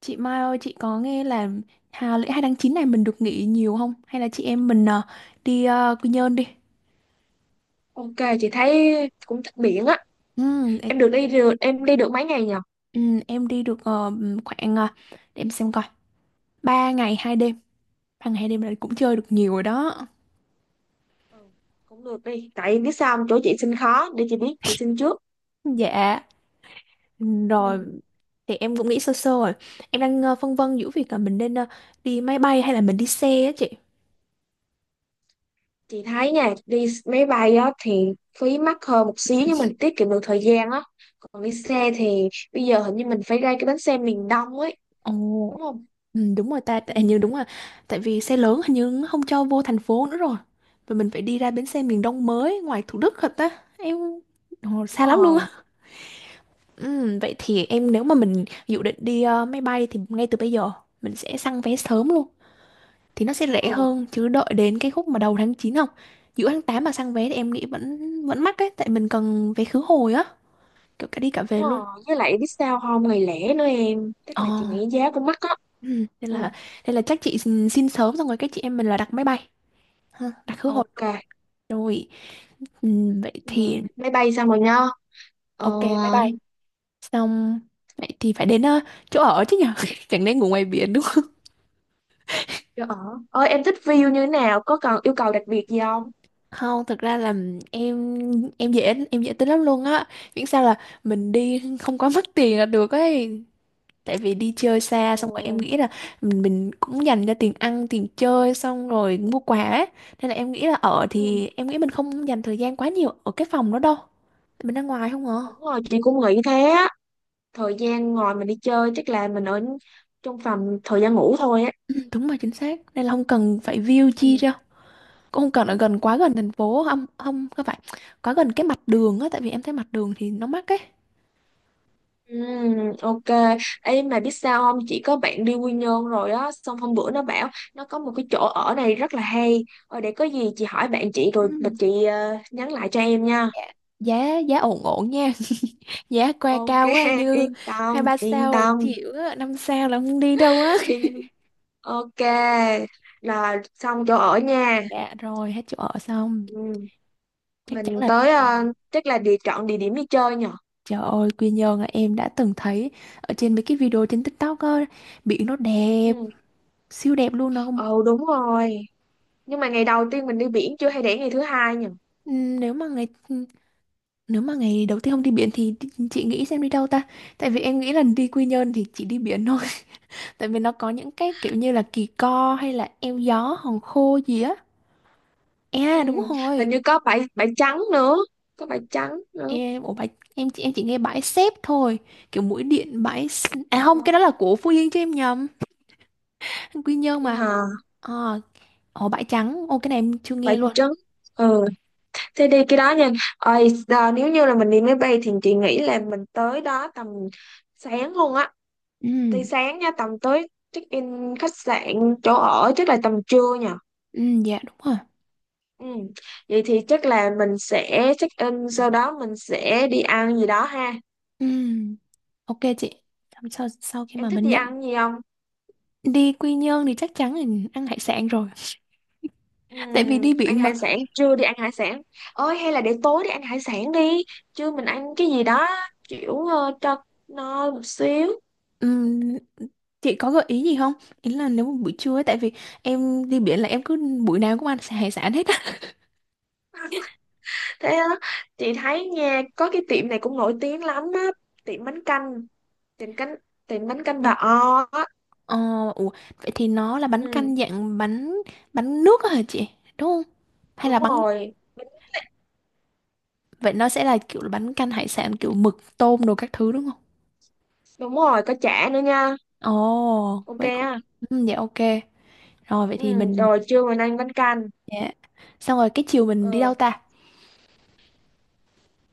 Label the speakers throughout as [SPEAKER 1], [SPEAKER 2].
[SPEAKER 1] Chị Mai ơi, chị có nghe là Hà lễ 2 tháng 9 này mình được nghỉ nhiều không? Hay là chị em mình đi Quy Nhơn đi?
[SPEAKER 2] Ok, chị thấy cũng thích biển á.
[SPEAKER 1] Ừ, ê-
[SPEAKER 2] Em được đi được, em đi được mấy ngày nhỉ?
[SPEAKER 1] ừ, em đi được khoảng, để em xem coi, 3 ngày 2 đêm. Ba ngày 2 đêm là cũng chơi được nhiều rồi đó.
[SPEAKER 2] Ừ, cũng được đi. Tại biết sao không? Chỗ chị xin khó, để chị biết, chị xin trước.
[SPEAKER 1] Dạ, rồi
[SPEAKER 2] Ừ.
[SPEAKER 1] thì em cũng nghĩ sơ sơ rồi. Em đang phân vân giữa việc là mình nên đi máy bay hay là mình đi xe á chị.
[SPEAKER 2] Chị thấy nha, đi máy bay á thì phí mắc hơn một xíu nhưng mình tiết kiệm được thời gian á. Còn đi xe thì bây giờ hình như mình phải ra cái bến xe miền Đông ấy,
[SPEAKER 1] Ồ.
[SPEAKER 2] đúng không?
[SPEAKER 1] Ừ, đúng rồi ta,
[SPEAKER 2] Ừ,
[SPEAKER 1] hình như đúng rồi. Tại vì xe lớn hình như nó không cho vô thành phố nữa rồi. Và mình phải đi ra bến xe miền Đông mới ngoài Thủ Đức thật á. Em Ồ,
[SPEAKER 2] đúng
[SPEAKER 1] xa lắm luôn
[SPEAKER 2] rồi.
[SPEAKER 1] á. Ừ, vậy thì em nếu mà mình dự định đi máy bay thì ngay từ bây giờ mình sẽ săn vé sớm luôn. Thì nó sẽ rẻ
[SPEAKER 2] Ừ,
[SPEAKER 1] hơn chứ đợi đến cái khúc mà đầu tháng 9 không? Giữa tháng 8 mà săn vé thì em nghĩ vẫn vẫn mắc ấy tại mình cần vé khứ hồi á, kiểu cả đi cả
[SPEAKER 2] đúng
[SPEAKER 1] về luôn.
[SPEAKER 2] rồi. Với lại biết sao không? Ngày lẻ nữa em. Tức
[SPEAKER 1] Ờ.
[SPEAKER 2] là chị nghĩ giá cũng mắc á.
[SPEAKER 1] Ừ, nên
[SPEAKER 2] Ừ,
[SPEAKER 1] là nên là chắc chị xin sớm xong rồi cái chị em mình là đặt máy bay. Ha, đặt khứ hồi.
[SPEAKER 2] ok.
[SPEAKER 1] Rồi, vậy
[SPEAKER 2] Ừ,
[SPEAKER 1] thì
[SPEAKER 2] máy bay xong rồi nha. Ờ.
[SPEAKER 1] ok bye bye. Xong vậy thì phải đến chỗ ở chứ nhở. Chẳng lẽ ngủ ngoài biển đúng không?
[SPEAKER 2] Dạ. Ở, ơi em thích view như thế nào? Có cần yêu cầu đặc biệt gì không?
[SPEAKER 1] Không, thực ra là em em dễ tính lắm luôn á. Miễn sao là mình đi không có mất tiền là được ấy. Tại vì đi chơi xa
[SPEAKER 2] Ờ.
[SPEAKER 1] xong rồi em nghĩ là mình cũng dành cho tiền ăn, tiền chơi xong rồi mua quà ấy. Nên là em nghĩ là ở
[SPEAKER 2] Ừ,
[SPEAKER 1] thì em nghĩ mình không dành thời gian quá nhiều ở cái phòng đó đâu. Mình ra ngoài không à.
[SPEAKER 2] đúng rồi, chị cũng nghĩ thế á. Thời gian ngồi mình đi chơi chắc là mình ở trong phòng thời gian ngủ thôi á.
[SPEAKER 1] Ừ, đúng rồi chính xác. Nên là không cần phải view chi
[SPEAKER 2] Ừ.
[SPEAKER 1] ra, cũng không cần ở gần quá gần thành phố, không không không phải quá gần cái mặt đường á, tại vì em thấy mặt đường thì nó mắc ấy.
[SPEAKER 2] Ừ, ok. Ê, mà biết sao không? Chị có bạn đi Quy Nhơn rồi á. Xong hôm bữa nó bảo nó có một cái chỗ ở này rất là hay. Ờ, để có gì chị hỏi bạn chị rồi mà
[SPEAKER 1] Ừm,
[SPEAKER 2] chị nhắn lại cho em nha.
[SPEAKER 1] dạ. Giá giá ổn ổn nha. Giá qua
[SPEAKER 2] Ok,
[SPEAKER 1] cao quá như
[SPEAKER 2] yên
[SPEAKER 1] hai
[SPEAKER 2] tâm,
[SPEAKER 1] ba
[SPEAKER 2] yên
[SPEAKER 1] sao thì
[SPEAKER 2] tâm,
[SPEAKER 1] chịu á, năm sao là không đi đâu á.
[SPEAKER 2] yên. Ok, là xong chỗ ở nha.
[SPEAKER 1] Dạ rồi, hết chỗ ở xong
[SPEAKER 2] Ừ.
[SPEAKER 1] chắc chắn
[SPEAKER 2] Mình
[SPEAKER 1] là
[SPEAKER 2] tới
[SPEAKER 1] phải.
[SPEAKER 2] ờ, chắc là địa chọn địa điểm đi chơi nhỉ?
[SPEAKER 1] Trời ơi, Quy Nhơn là em đã từng thấy ở trên mấy cái video trên TikTok á, biển nó đẹp
[SPEAKER 2] Ừ.
[SPEAKER 1] siêu đẹp luôn, nó không-
[SPEAKER 2] Ồ đúng rồi. Nhưng mà ngày đầu tiên mình đi biển chưa hay để ngày thứ hai nhỉ?
[SPEAKER 1] Ừm, nếu mà ngày nếu mà ngày đầu tiên không đi biển thì chị nghĩ xem đi đâu ta? Tại vì em nghĩ là đi Quy Nhơn thì chỉ đi biển thôi. Tại vì nó có những cái kiểu như là Kỳ Co hay là Eo Gió, Hòn Khô gì á.
[SPEAKER 2] Ừ.
[SPEAKER 1] À đúng rồi.
[SPEAKER 2] Hình như có bãi bãi trắng nữa, có bãi trắng nữa.
[SPEAKER 1] Em ủa bãi, em chị em chỉ nghe bãi xếp thôi. Kiểu mũi điện à
[SPEAKER 2] Ừ.
[SPEAKER 1] không, cái đó là của Phú Yên chứ em nhầm. Quy Nhơn
[SPEAKER 2] Đi
[SPEAKER 1] mà.
[SPEAKER 2] hả?
[SPEAKER 1] Ờ, ồ bãi trắng. Ô cái này em chưa
[SPEAKER 2] Bãi
[SPEAKER 1] nghe luôn.
[SPEAKER 2] trắng. Ừ. Thế đi cái đó nha. Ôi, giờ nếu như là mình đi máy bay thì chị nghĩ là mình tới đó tầm sáng luôn á. Đi
[SPEAKER 1] Ừ,
[SPEAKER 2] sáng nha, tầm tới check in khách sạn chỗ ở chắc là tầm trưa nhỉ?
[SPEAKER 1] ừ dạ đúng rồi.
[SPEAKER 2] Ừ. Vậy thì chắc là mình sẽ check in sau đó mình sẽ đi ăn gì đó ha.
[SPEAKER 1] Ừ, ok chị. Sau sau khi
[SPEAKER 2] Em
[SPEAKER 1] mà
[SPEAKER 2] thích
[SPEAKER 1] mình
[SPEAKER 2] đi
[SPEAKER 1] nhận
[SPEAKER 2] ăn gì không?
[SPEAKER 1] đi Quy Nhơn thì chắc chắn là ăn hải sản rồi.
[SPEAKER 2] Ừ,
[SPEAKER 1] Tại vì đi
[SPEAKER 2] ăn
[SPEAKER 1] biển mà.
[SPEAKER 2] hải sản, trưa đi ăn hải sản. Ôi hay là để tối đi ăn hải sản đi. Trưa mình ăn cái gì đó kiểu cho no một xíu.
[SPEAKER 1] Ừm, chị có gợi ý gì không? Ý là nếu mà buổi trưa ấy, tại vì em đi biển là em cứ buổi nào cũng ăn hải sản hết á.
[SPEAKER 2] Thế đó. Chị thấy nha, có cái tiệm này cũng nổi tiếng lắm á, tiệm bánh canh tiệm bánh canh bà O á.
[SPEAKER 1] Ờ, ủa, vậy thì nó là bánh
[SPEAKER 2] Ừ,
[SPEAKER 1] canh dạng bánh bánh nước á hả chị? Đúng không? Hay là
[SPEAKER 2] đúng
[SPEAKER 1] bánh
[SPEAKER 2] rồi. Bánh-
[SPEAKER 1] vậy nó sẽ là kiểu là bánh canh hải sản kiểu mực tôm đồ các thứ đúng không?
[SPEAKER 2] Đúng rồi, có chả nữa nha.
[SPEAKER 1] Ồ,
[SPEAKER 2] Ok
[SPEAKER 1] vậy cũng
[SPEAKER 2] á.
[SPEAKER 1] ừ, dạ ok. Rồi vậy thì
[SPEAKER 2] Ừ,
[SPEAKER 1] mình
[SPEAKER 2] rồi trưa mình ăn bánh canh.
[SPEAKER 1] dạ. Xong rồi cái chiều mình đi
[SPEAKER 2] Ừ,
[SPEAKER 1] đâu ta?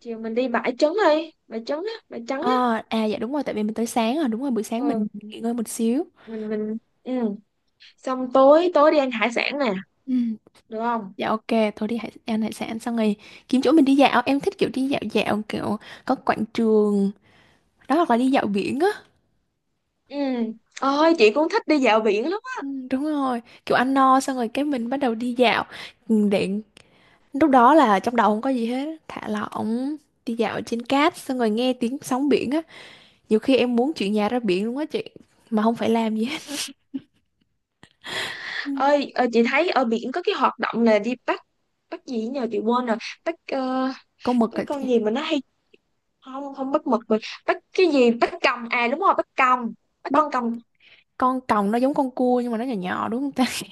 [SPEAKER 2] chiều mình đi bãi trấn á bãi trắng á.
[SPEAKER 1] Ờ, à dạ đúng rồi tại vì mình tới sáng rồi, đúng rồi buổi sáng mình
[SPEAKER 2] ừ
[SPEAKER 1] nghỉ ngơi một xíu.
[SPEAKER 2] mình mình ừ xong tối tối đi ăn hải sản nè,
[SPEAKER 1] Ừ.
[SPEAKER 2] được không?
[SPEAKER 1] Dạ ok, thôi đi hải, ăn hải sản xong rồi kiếm chỗ mình đi dạo. Em thích kiểu đi dạo dạo kiểu có quảng trường đó hoặc là đi dạo biển á.
[SPEAKER 2] Ừ, ơi chị cũng thích đi dạo biển lắm á.
[SPEAKER 1] Ừ, đúng rồi, kiểu ăn no xong rồi cái mình bắt đầu đi dạo. Ừ, để lúc đó là trong đầu không có gì hết, thả lỏng, đi dạo trên cát xong rồi nghe tiếng sóng biển á. Nhiều khi em muốn chuyển nhà ra biển luôn á chị, mà không phải làm gì hết. Ừ,
[SPEAKER 2] Ơi, chị thấy ở biển có cái hoạt động là đi bắt, bắt gì nhờ chị quên rồi, bắt,
[SPEAKER 1] con mực
[SPEAKER 2] bắt
[SPEAKER 1] hả chị?
[SPEAKER 2] con gì mà nó hay, không không bắt mực rồi, bắt cái gì, bắt còng, à đúng rồi bắt còng, bắt
[SPEAKER 1] Bắt
[SPEAKER 2] con còng.
[SPEAKER 1] con còng nó giống con cua nhưng mà nó nhỏ nhỏ đúng không ta?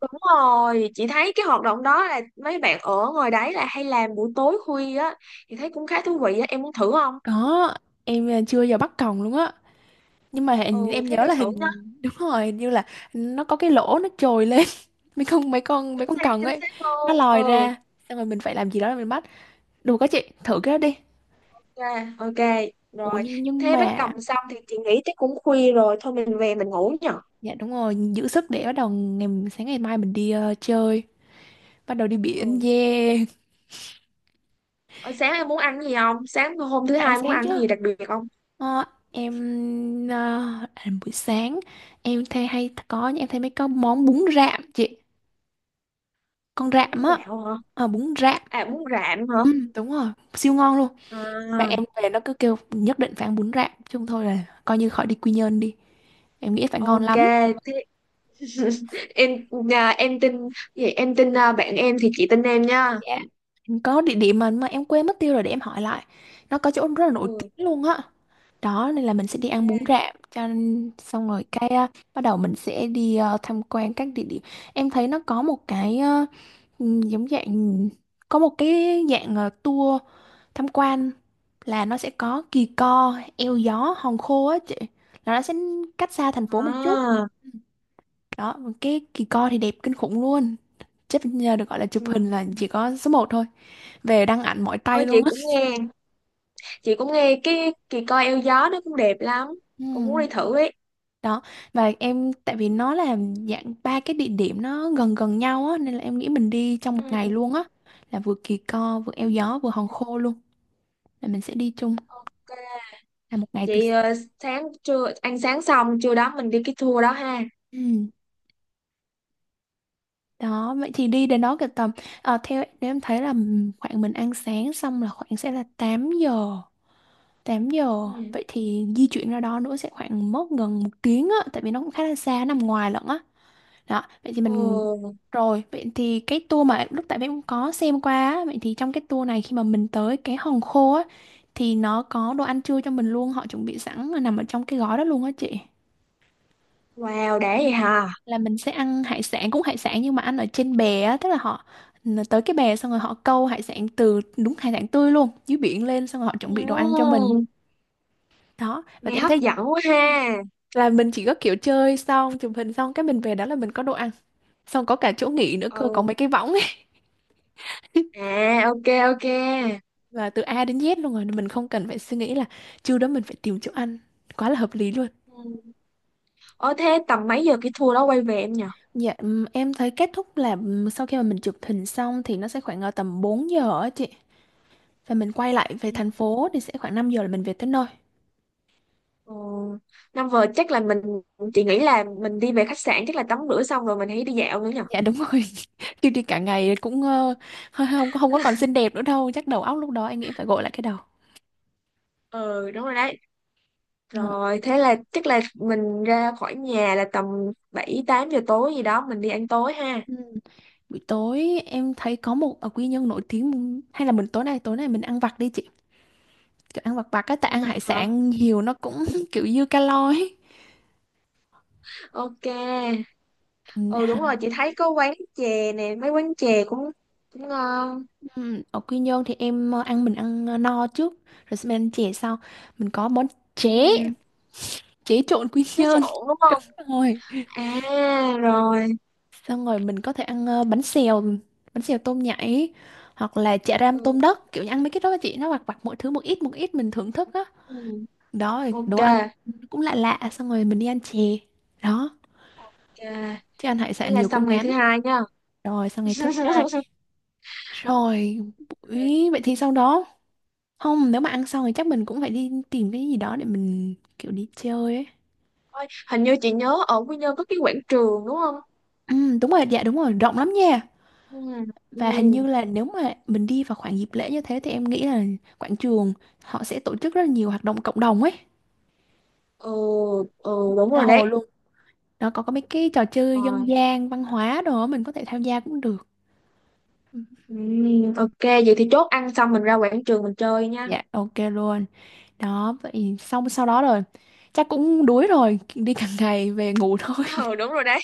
[SPEAKER 2] Đúng rồi, chị thấy cái hoạt động đó là mấy bạn ở ngoài đấy là hay làm buổi tối khuya á. Chị thấy cũng khá thú vị á, em muốn thử không?
[SPEAKER 1] Có, chưa bao giờ bắt còng luôn á. Nhưng mà hình,
[SPEAKER 2] Ừ,
[SPEAKER 1] em
[SPEAKER 2] thế
[SPEAKER 1] nhớ
[SPEAKER 2] đi
[SPEAKER 1] là
[SPEAKER 2] thử.
[SPEAKER 1] hình. Đúng rồi hình như là nó có cái lỗ nó trồi lên. mấy con mấy con
[SPEAKER 2] Chính
[SPEAKER 1] mấy con
[SPEAKER 2] xác
[SPEAKER 1] cần
[SPEAKER 2] chính
[SPEAKER 1] ấy,
[SPEAKER 2] xác
[SPEAKER 1] nó
[SPEAKER 2] luôn.
[SPEAKER 1] lòi
[SPEAKER 2] Ừ,
[SPEAKER 1] ra xong rồi mình phải làm gì đó để mình bắt đủ, các chị thử cái đó đi.
[SPEAKER 2] ok ok
[SPEAKER 1] ủa
[SPEAKER 2] rồi,
[SPEAKER 1] nhưng nhưng
[SPEAKER 2] thế bác cầm
[SPEAKER 1] mà
[SPEAKER 2] xong thì chị nghĩ chắc cũng khuya rồi, thôi mình về mình ngủ nhở.
[SPEAKER 1] dạ đúng rồi, giữ sức để bắt đầu ngày sáng ngày mai mình đi chơi bắt đầu đi biển
[SPEAKER 2] Ừ.
[SPEAKER 1] yeah.
[SPEAKER 2] Ở, sáng em muốn ăn gì không, sáng hôm thứ
[SPEAKER 1] Phải ăn
[SPEAKER 2] hai muốn
[SPEAKER 1] sáng
[SPEAKER 2] ăn
[SPEAKER 1] chứ.
[SPEAKER 2] gì đặc biệt không?
[SPEAKER 1] Ờ, em ờ, buổi sáng em thấy mấy con món bún rạm chị, con rạm
[SPEAKER 2] Bún
[SPEAKER 1] á.
[SPEAKER 2] gạo hả?
[SPEAKER 1] Ờ, bún rạm.
[SPEAKER 2] À bún rạm hả?
[SPEAKER 1] Ừ, đúng rồi siêu ngon luôn. Bạn
[SPEAKER 2] À.
[SPEAKER 1] em về nó cứ kêu nhất định phải ăn bún rạm chung thôi là coi như khỏi đi Quy Nhơn đi. Em nghĩ phải ngon
[SPEAKER 2] Ok
[SPEAKER 1] lắm.
[SPEAKER 2] thế. Em nhà em tin, vậy em tin, à, bạn em thì chị tin em nha.
[SPEAKER 1] Dạ. Em có địa điểm mà em quên mất tiêu rồi, để em hỏi lại. Nó có chỗ rất là nổi
[SPEAKER 2] Ừ,
[SPEAKER 1] tiếng luôn á. Đó nên là mình sẽ đi ăn bún
[SPEAKER 2] ok.
[SPEAKER 1] rạm cho xong rồi cái bắt đầu mình sẽ đi tham quan các địa điểm. Em thấy nó có một cái giống dạng có một cái dạng tour tham quan là nó sẽ có Kỳ Co, Eo Gió, Hòn Khô á chị. Là nó sẽ cách xa thành phố một chút.
[SPEAKER 2] À
[SPEAKER 1] Ừ. Đó, cái Kỳ Co thì đẹp kinh khủng luôn, chắc nhờ được gọi là chụp
[SPEAKER 2] ừ.
[SPEAKER 1] hình là chỉ có số một thôi, về đăng ảnh mỏi
[SPEAKER 2] Thôi
[SPEAKER 1] tay
[SPEAKER 2] chị
[SPEAKER 1] luôn á.
[SPEAKER 2] cũng nghe, chị cũng nghe cái kỳ coi eo gió nó cũng đẹp lắm, cũng muốn đi
[SPEAKER 1] Ừ,
[SPEAKER 2] thử ấy.
[SPEAKER 1] đó và em tại vì nó là dạng ba cái địa điểm nó gần gần nhau á nên là em nghĩ mình đi trong một
[SPEAKER 2] Ừ
[SPEAKER 1] ngày
[SPEAKER 2] ừ.
[SPEAKER 1] luôn á, là vừa Kỳ Co vừa Eo Gió vừa Hòn Khô luôn, là mình sẽ đi chung
[SPEAKER 2] Ok,
[SPEAKER 1] là một ngày từ
[SPEAKER 2] vậy
[SPEAKER 1] sáng.
[SPEAKER 2] ờ, sáng trưa ăn sáng xong trưa đó mình đi cái tour đó ha.
[SPEAKER 1] Ừ. Đó vậy thì đi đến đó cả tầm theo nếu em thấy là khoảng mình ăn sáng xong là khoảng sẽ là 8 giờ, 8 giờ
[SPEAKER 2] Ừ.
[SPEAKER 1] vậy thì di chuyển ra đó nữa sẽ khoảng mất gần một tiếng á, tại vì nó cũng khá là xa nằm ngoài lận á. Đó vậy thì mình
[SPEAKER 2] Ừ.
[SPEAKER 1] rồi vậy thì cái tour mà lúc tại em cũng có xem qua á, vậy thì trong cái tour này khi mà mình tới cái Hòn Khô á thì nó có đồ ăn trưa cho mình luôn, họ chuẩn bị sẵn là nằm ở trong cái gói đó luôn á chị.
[SPEAKER 2] Wow, đã
[SPEAKER 1] Ừ.
[SPEAKER 2] vậy hả?
[SPEAKER 1] Là mình sẽ ăn hải sản, cũng hải sản nhưng mà ăn ở trên bè á, tức là họ tới cái bè xong rồi họ câu hải sản từ đúng hải sản tươi luôn dưới biển lên xong rồi họ chuẩn
[SPEAKER 2] Ừ.
[SPEAKER 1] bị đồ ăn cho mình. Đó và
[SPEAKER 2] Nghe
[SPEAKER 1] em
[SPEAKER 2] hấp
[SPEAKER 1] thấy
[SPEAKER 2] dẫn quá ha.
[SPEAKER 1] là mình chỉ có kiểu chơi xong chụp hình xong cái mình về đó là mình có đồ ăn xong có cả chỗ nghỉ nữa cơ, có
[SPEAKER 2] Ừ.
[SPEAKER 1] mấy cái võng ấy.
[SPEAKER 2] À, ok ok.
[SPEAKER 1] Là từ A đến Z luôn rồi nên mình không cần phải suy nghĩ là trưa đó mình phải tìm chỗ ăn, quá là hợp lý luôn.
[SPEAKER 2] Ừ. Ờ thế tầm mấy giờ cái tour đó quay về em nhỉ?
[SPEAKER 1] Dạ em thấy kết thúc là sau khi mà mình chụp hình xong thì nó sẽ khoảng ở tầm 4 giờ á chị. Và mình quay lại về
[SPEAKER 2] Ừ.
[SPEAKER 1] thành phố thì sẽ khoảng 5 giờ là mình về tới nơi.
[SPEAKER 2] Ừ. Năm vừa chắc là mình, chị nghĩ là mình đi về khách sạn chắc là tắm rửa xong rồi mình hãy đi dạo nữa nhỉ?
[SPEAKER 1] Dạ đúng rồi. Chứ đi cả ngày cũng không không có còn xinh đẹp nữa đâu, chắc đầu óc lúc đó anh nghĩ phải gội lại cái đầu.
[SPEAKER 2] Ừ đúng rồi đấy.
[SPEAKER 1] Ờ.
[SPEAKER 2] Rồi thế là chắc là mình ra khỏi nhà là tầm 7 8 giờ tối gì đó mình đi ăn tối ha.
[SPEAKER 1] Ừ. Buổi tối em thấy có một ở Quy Nhân nổi tiếng, hay là mình tối nay mình ăn vặt đi chị, kiểu ăn vặt vặt cái tại
[SPEAKER 2] Ăn
[SPEAKER 1] ăn
[SPEAKER 2] vặt
[SPEAKER 1] hải
[SPEAKER 2] hả?
[SPEAKER 1] sản nhiều nó cũng kiểu dư calo ấy.
[SPEAKER 2] Ok.
[SPEAKER 1] Ừ,
[SPEAKER 2] Ừ
[SPEAKER 1] hả?
[SPEAKER 2] đúng rồi, chị thấy có quán chè nè, mấy quán chè cũng cũng ngon.
[SPEAKER 1] Ừ, ở Quy Nhơn thì em ờ, ăn mình ăn no trước rồi xong mình ăn chè sau, mình có món chế,
[SPEAKER 2] Ừ,
[SPEAKER 1] chế trộn Quy
[SPEAKER 2] thế
[SPEAKER 1] Nhơn.
[SPEAKER 2] trộn đúng
[SPEAKER 1] Đúng
[SPEAKER 2] không?
[SPEAKER 1] rồi
[SPEAKER 2] À rồi.
[SPEAKER 1] xong rồi mình có thể ăn bánh xèo, bánh xèo tôm nhảy hoặc là chả ram tôm
[SPEAKER 2] Ừ.
[SPEAKER 1] đất, kiểu như ăn mấy cái đó chị, nó vặt vặt mỗi thứ một ít mình thưởng thức á.
[SPEAKER 2] Ừ.
[SPEAKER 1] Đó rồi đồ
[SPEAKER 2] Ok.
[SPEAKER 1] ăn cũng lạ lạ xong rồi mình đi ăn chè. Đó
[SPEAKER 2] Ok.
[SPEAKER 1] chứ ăn hải
[SPEAKER 2] Thế
[SPEAKER 1] sản
[SPEAKER 2] là
[SPEAKER 1] nhiều
[SPEAKER 2] xong
[SPEAKER 1] cũng
[SPEAKER 2] ngày thứ
[SPEAKER 1] ngán.
[SPEAKER 2] hai nha.
[SPEAKER 1] Rồi sang ngày thứ hai rồi buổi vậy thì sau đó không nếu mà ăn xong thì chắc mình cũng phải đi tìm cái gì đó để mình kiểu đi chơi ấy.
[SPEAKER 2] Ôi, hình như chị nhớ ở Quy Nhơn có cái quảng trường đúng không?
[SPEAKER 1] Ừ, đúng rồi dạ đúng rồi rộng lắm nha.
[SPEAKER 2] Ừ.
[SPEAKER 1] Và hình
[SPEAKER 2] Ừ.
[SPEAKER 1] như là nếu mà mình đi vào khoảng dịp lễ như thế thì em nghĩ là quảng trường họ sẽ tổ chức rất là nhiều hoạt động cộng đồng ấy,
[SPEAKER 2] Ừ, ừ đúng
[SPEAKER 1] tha
[SPEAKER 2] rồi đấy.
[SPEAKER 1] hồ luôn, nó có mấy cái trò chơi dân
[SPEAKER 2] Rồi.
[SPEAKER 1] gian văn hóa đồ á, mình có thể tham gia cũng được.
[SPEAKER 2] Ừ, ok, vậy thì chốt ăn xong mình ra quảng trường mình chơi nha.
[SPEAKER 1] Dạ ok luôn. Đó vậy xong sau đó rồi chắc cũng đuối rồi, đi cả ngày về ngủ thôi.
[SPEAKER 2] Ừ, đúng rồi đấy.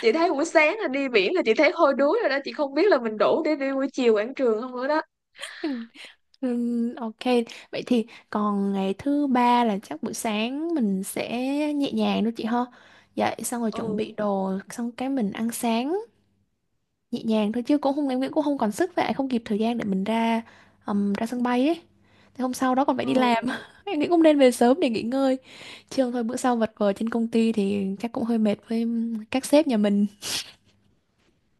[SPEAKER 2] Chị thấy buổi sáng là đi biển là chị thấy hôi đuối rồi đó, chị không biết là mình đủ để đi buổi chiều quảng trường không nữa đó.
[SPEAKER 1] Ok. Vậy thì còn ngày thứ ba là chắc buổi sáng mình sẽ nhẹ nhàng thôi chị ha. Dậy xong rồi chuẩn bị
[SPEAKER 2] Ừ
[SPEAKER 1] đồ xong cái mình ăn sáng nhẹ nhàng thôi, chứ cũng không em nghĩ cũng không còn sức, vậy không kịp thời gian để mình ra ra sân bay ấy. Thế hôm sau đó còn phải đi làm.
[SPEAKER 2] ừ.
[SPEAKER 1] Em nghĩ cũng nên về sớm để nghỉ ngơi. Chứ không thôi bữa sau vật vờ trên công ty thì chắc cũng hơi mệt với các sếp nhà mình.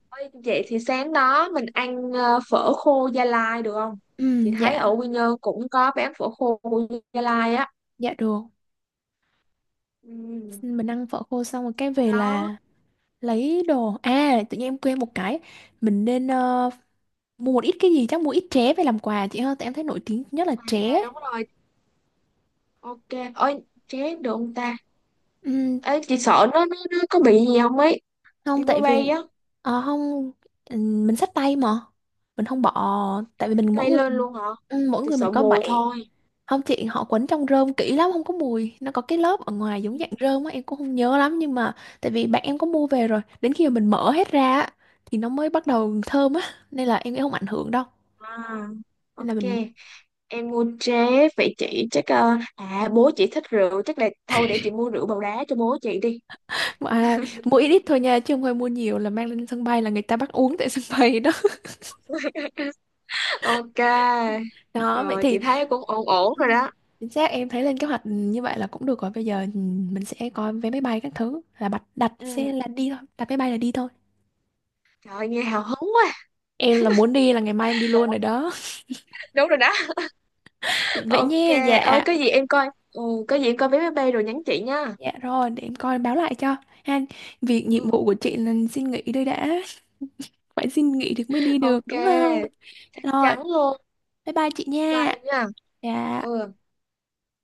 [SPEAKER 2] Ôi, vậy thì sáng đó mình ăn, phở khô Gia Lai được không? Chị thấy
[SPEAKER 1] Dạ
[SPEAKER 2] ở Quy Nhơn cũng có bán phở khô Gia Lai á.
[SPEAKER 1] dạ được,
[SPEAKER 2] Ừ,
[SPEAKER 1] mình ăn phở khô xong rồi cái
[SPEAKER 2] sau
[SPEAKER 1] về
[SPEAKER 2] đó.
[SPEAKER 1] là lấy đồ. À tự nhiên em quên một cái, mình nên mua một ít cái gì, chắc mua ít tré về làm quà chị hơn, tại em thấy nổi tiếng nhất là
[SPEAKER 2] À
[SPEAKER 1] tré.
[SPEAKER 2] đúng rồi. Ok. Ôi chết được không ta?
[SPEAKER 1] Ừm,
[SPEAKER 2] Ấy chị sợ nó có bị gì không ấy,
[SPEAKER 1] không
[SPEAKER 2] đi máy
[SPEAKER 1] tại
[SPEAKER 2] bay
[SPEAKER 1] vì
[SPEAKER 2] á.
[SPEAKER 1] không mình xách tay mà, mình không bỏ. Tại vì mình
[SPEAKER 2] Tay lên luôn hả?
[SPEAKER 1] mỗi
[SPEAKER 2] Chị
[SPEAKER 1] người mình
[SPEAKER 2] sợ
[SPEAKER 1] có
[SPEAKER 2] mùi
[SPEAKER 1] bảy.
[SPEAKER 2] thôi.
[SPEAKER 1] Không chị, họ quấn trong rơm kỹ lắm, không có mùi, nó có cái lớp ở ngoài giống dạng rơm á em cũng không nhớ lắm, nhưng mà tại vì bạn em có mua về rồi đến khi mà mình mở hết ra á, thì nó mới bắt đầu thơm á, nên là em nghĩ không ảnh hưởng đâu.
[SPEAKER 2] À
[SPEAKER 1] Nên là
[SPEAKER 2] ok,
[SPEAKER 1] mình
[SPEAKER 2] em mua tré. Vậy chị chắc, à bố chị thích rượu chắc là thôi để chị mua rượu bầu đá cho bố chị đi.
[SPEAKER 1] à, mua ít ít thôi nha chứ không phải mua nhiều, là mang lên sân bay là người ta bắt uống tại sân bay đó.
[SPEAKER 2] Ok
[SPEAKER 1] Đó vậy
[SPEAKER 2] rồi,
[SPEAKER 1] thì
[SPEAKER 2] chị thấy cũng ổn ổn
[SPEAKER 1] ừ,
[SPEAKER 2] rồi đó.
[SPEAKER 1] chính xác em thấy lên kế hoạch như vậy là cũng được rồi, bây giờ ừ, mình sẽ coi vé máy bay các thứ là đặt, đặt
[SPEAKER 2] Ừ,
[SPEAKER 1] xe là đi thôi, đặt máy bay là đi thôi.
[SPEAKER 2] trời ơi, nghe hào hứng quá.
[SPEAKER 1] Em là muốn đi là ngày mai em đi luôn rồi đó.
[SPEAKER 2] Đúng rồi đó.
[SPEAKER 1] Vậy
[SPEAKER 2] Ok,
[SPEAKER 1] nha
[SPEAKER 2] ơi
[SPEAKER 1] dạ.
[SPEAKER 2] có gì em coi ừ, có gì em coi vé máy bay rồi nhắn chị nha.
[SPEAKER 1] Dạ rồi, để em coi báo lại cho. Ha, việc nhiệm
[SPEAKER 2] Ừ,
[SPEAKER 1] vụ của chị là xin nghỉ đây đã. Phải xin nghỉ thì mới đi được,
[SPEAKER 2] ok,
[SPEAKER 1] đúng không?
[SPEAKER 2] chắc
[SPEAKER 1] Rồi,
[SPEAKER 2] chắn luôn.
[SPEAKER 1] bye bye chị
[SPEAKER 2] Bye
[SPEAKER 1] nha.
[SPEAKER 2] nha.
[SPEAKER 1] Dạ.
[SPEAKER 2] Ừ.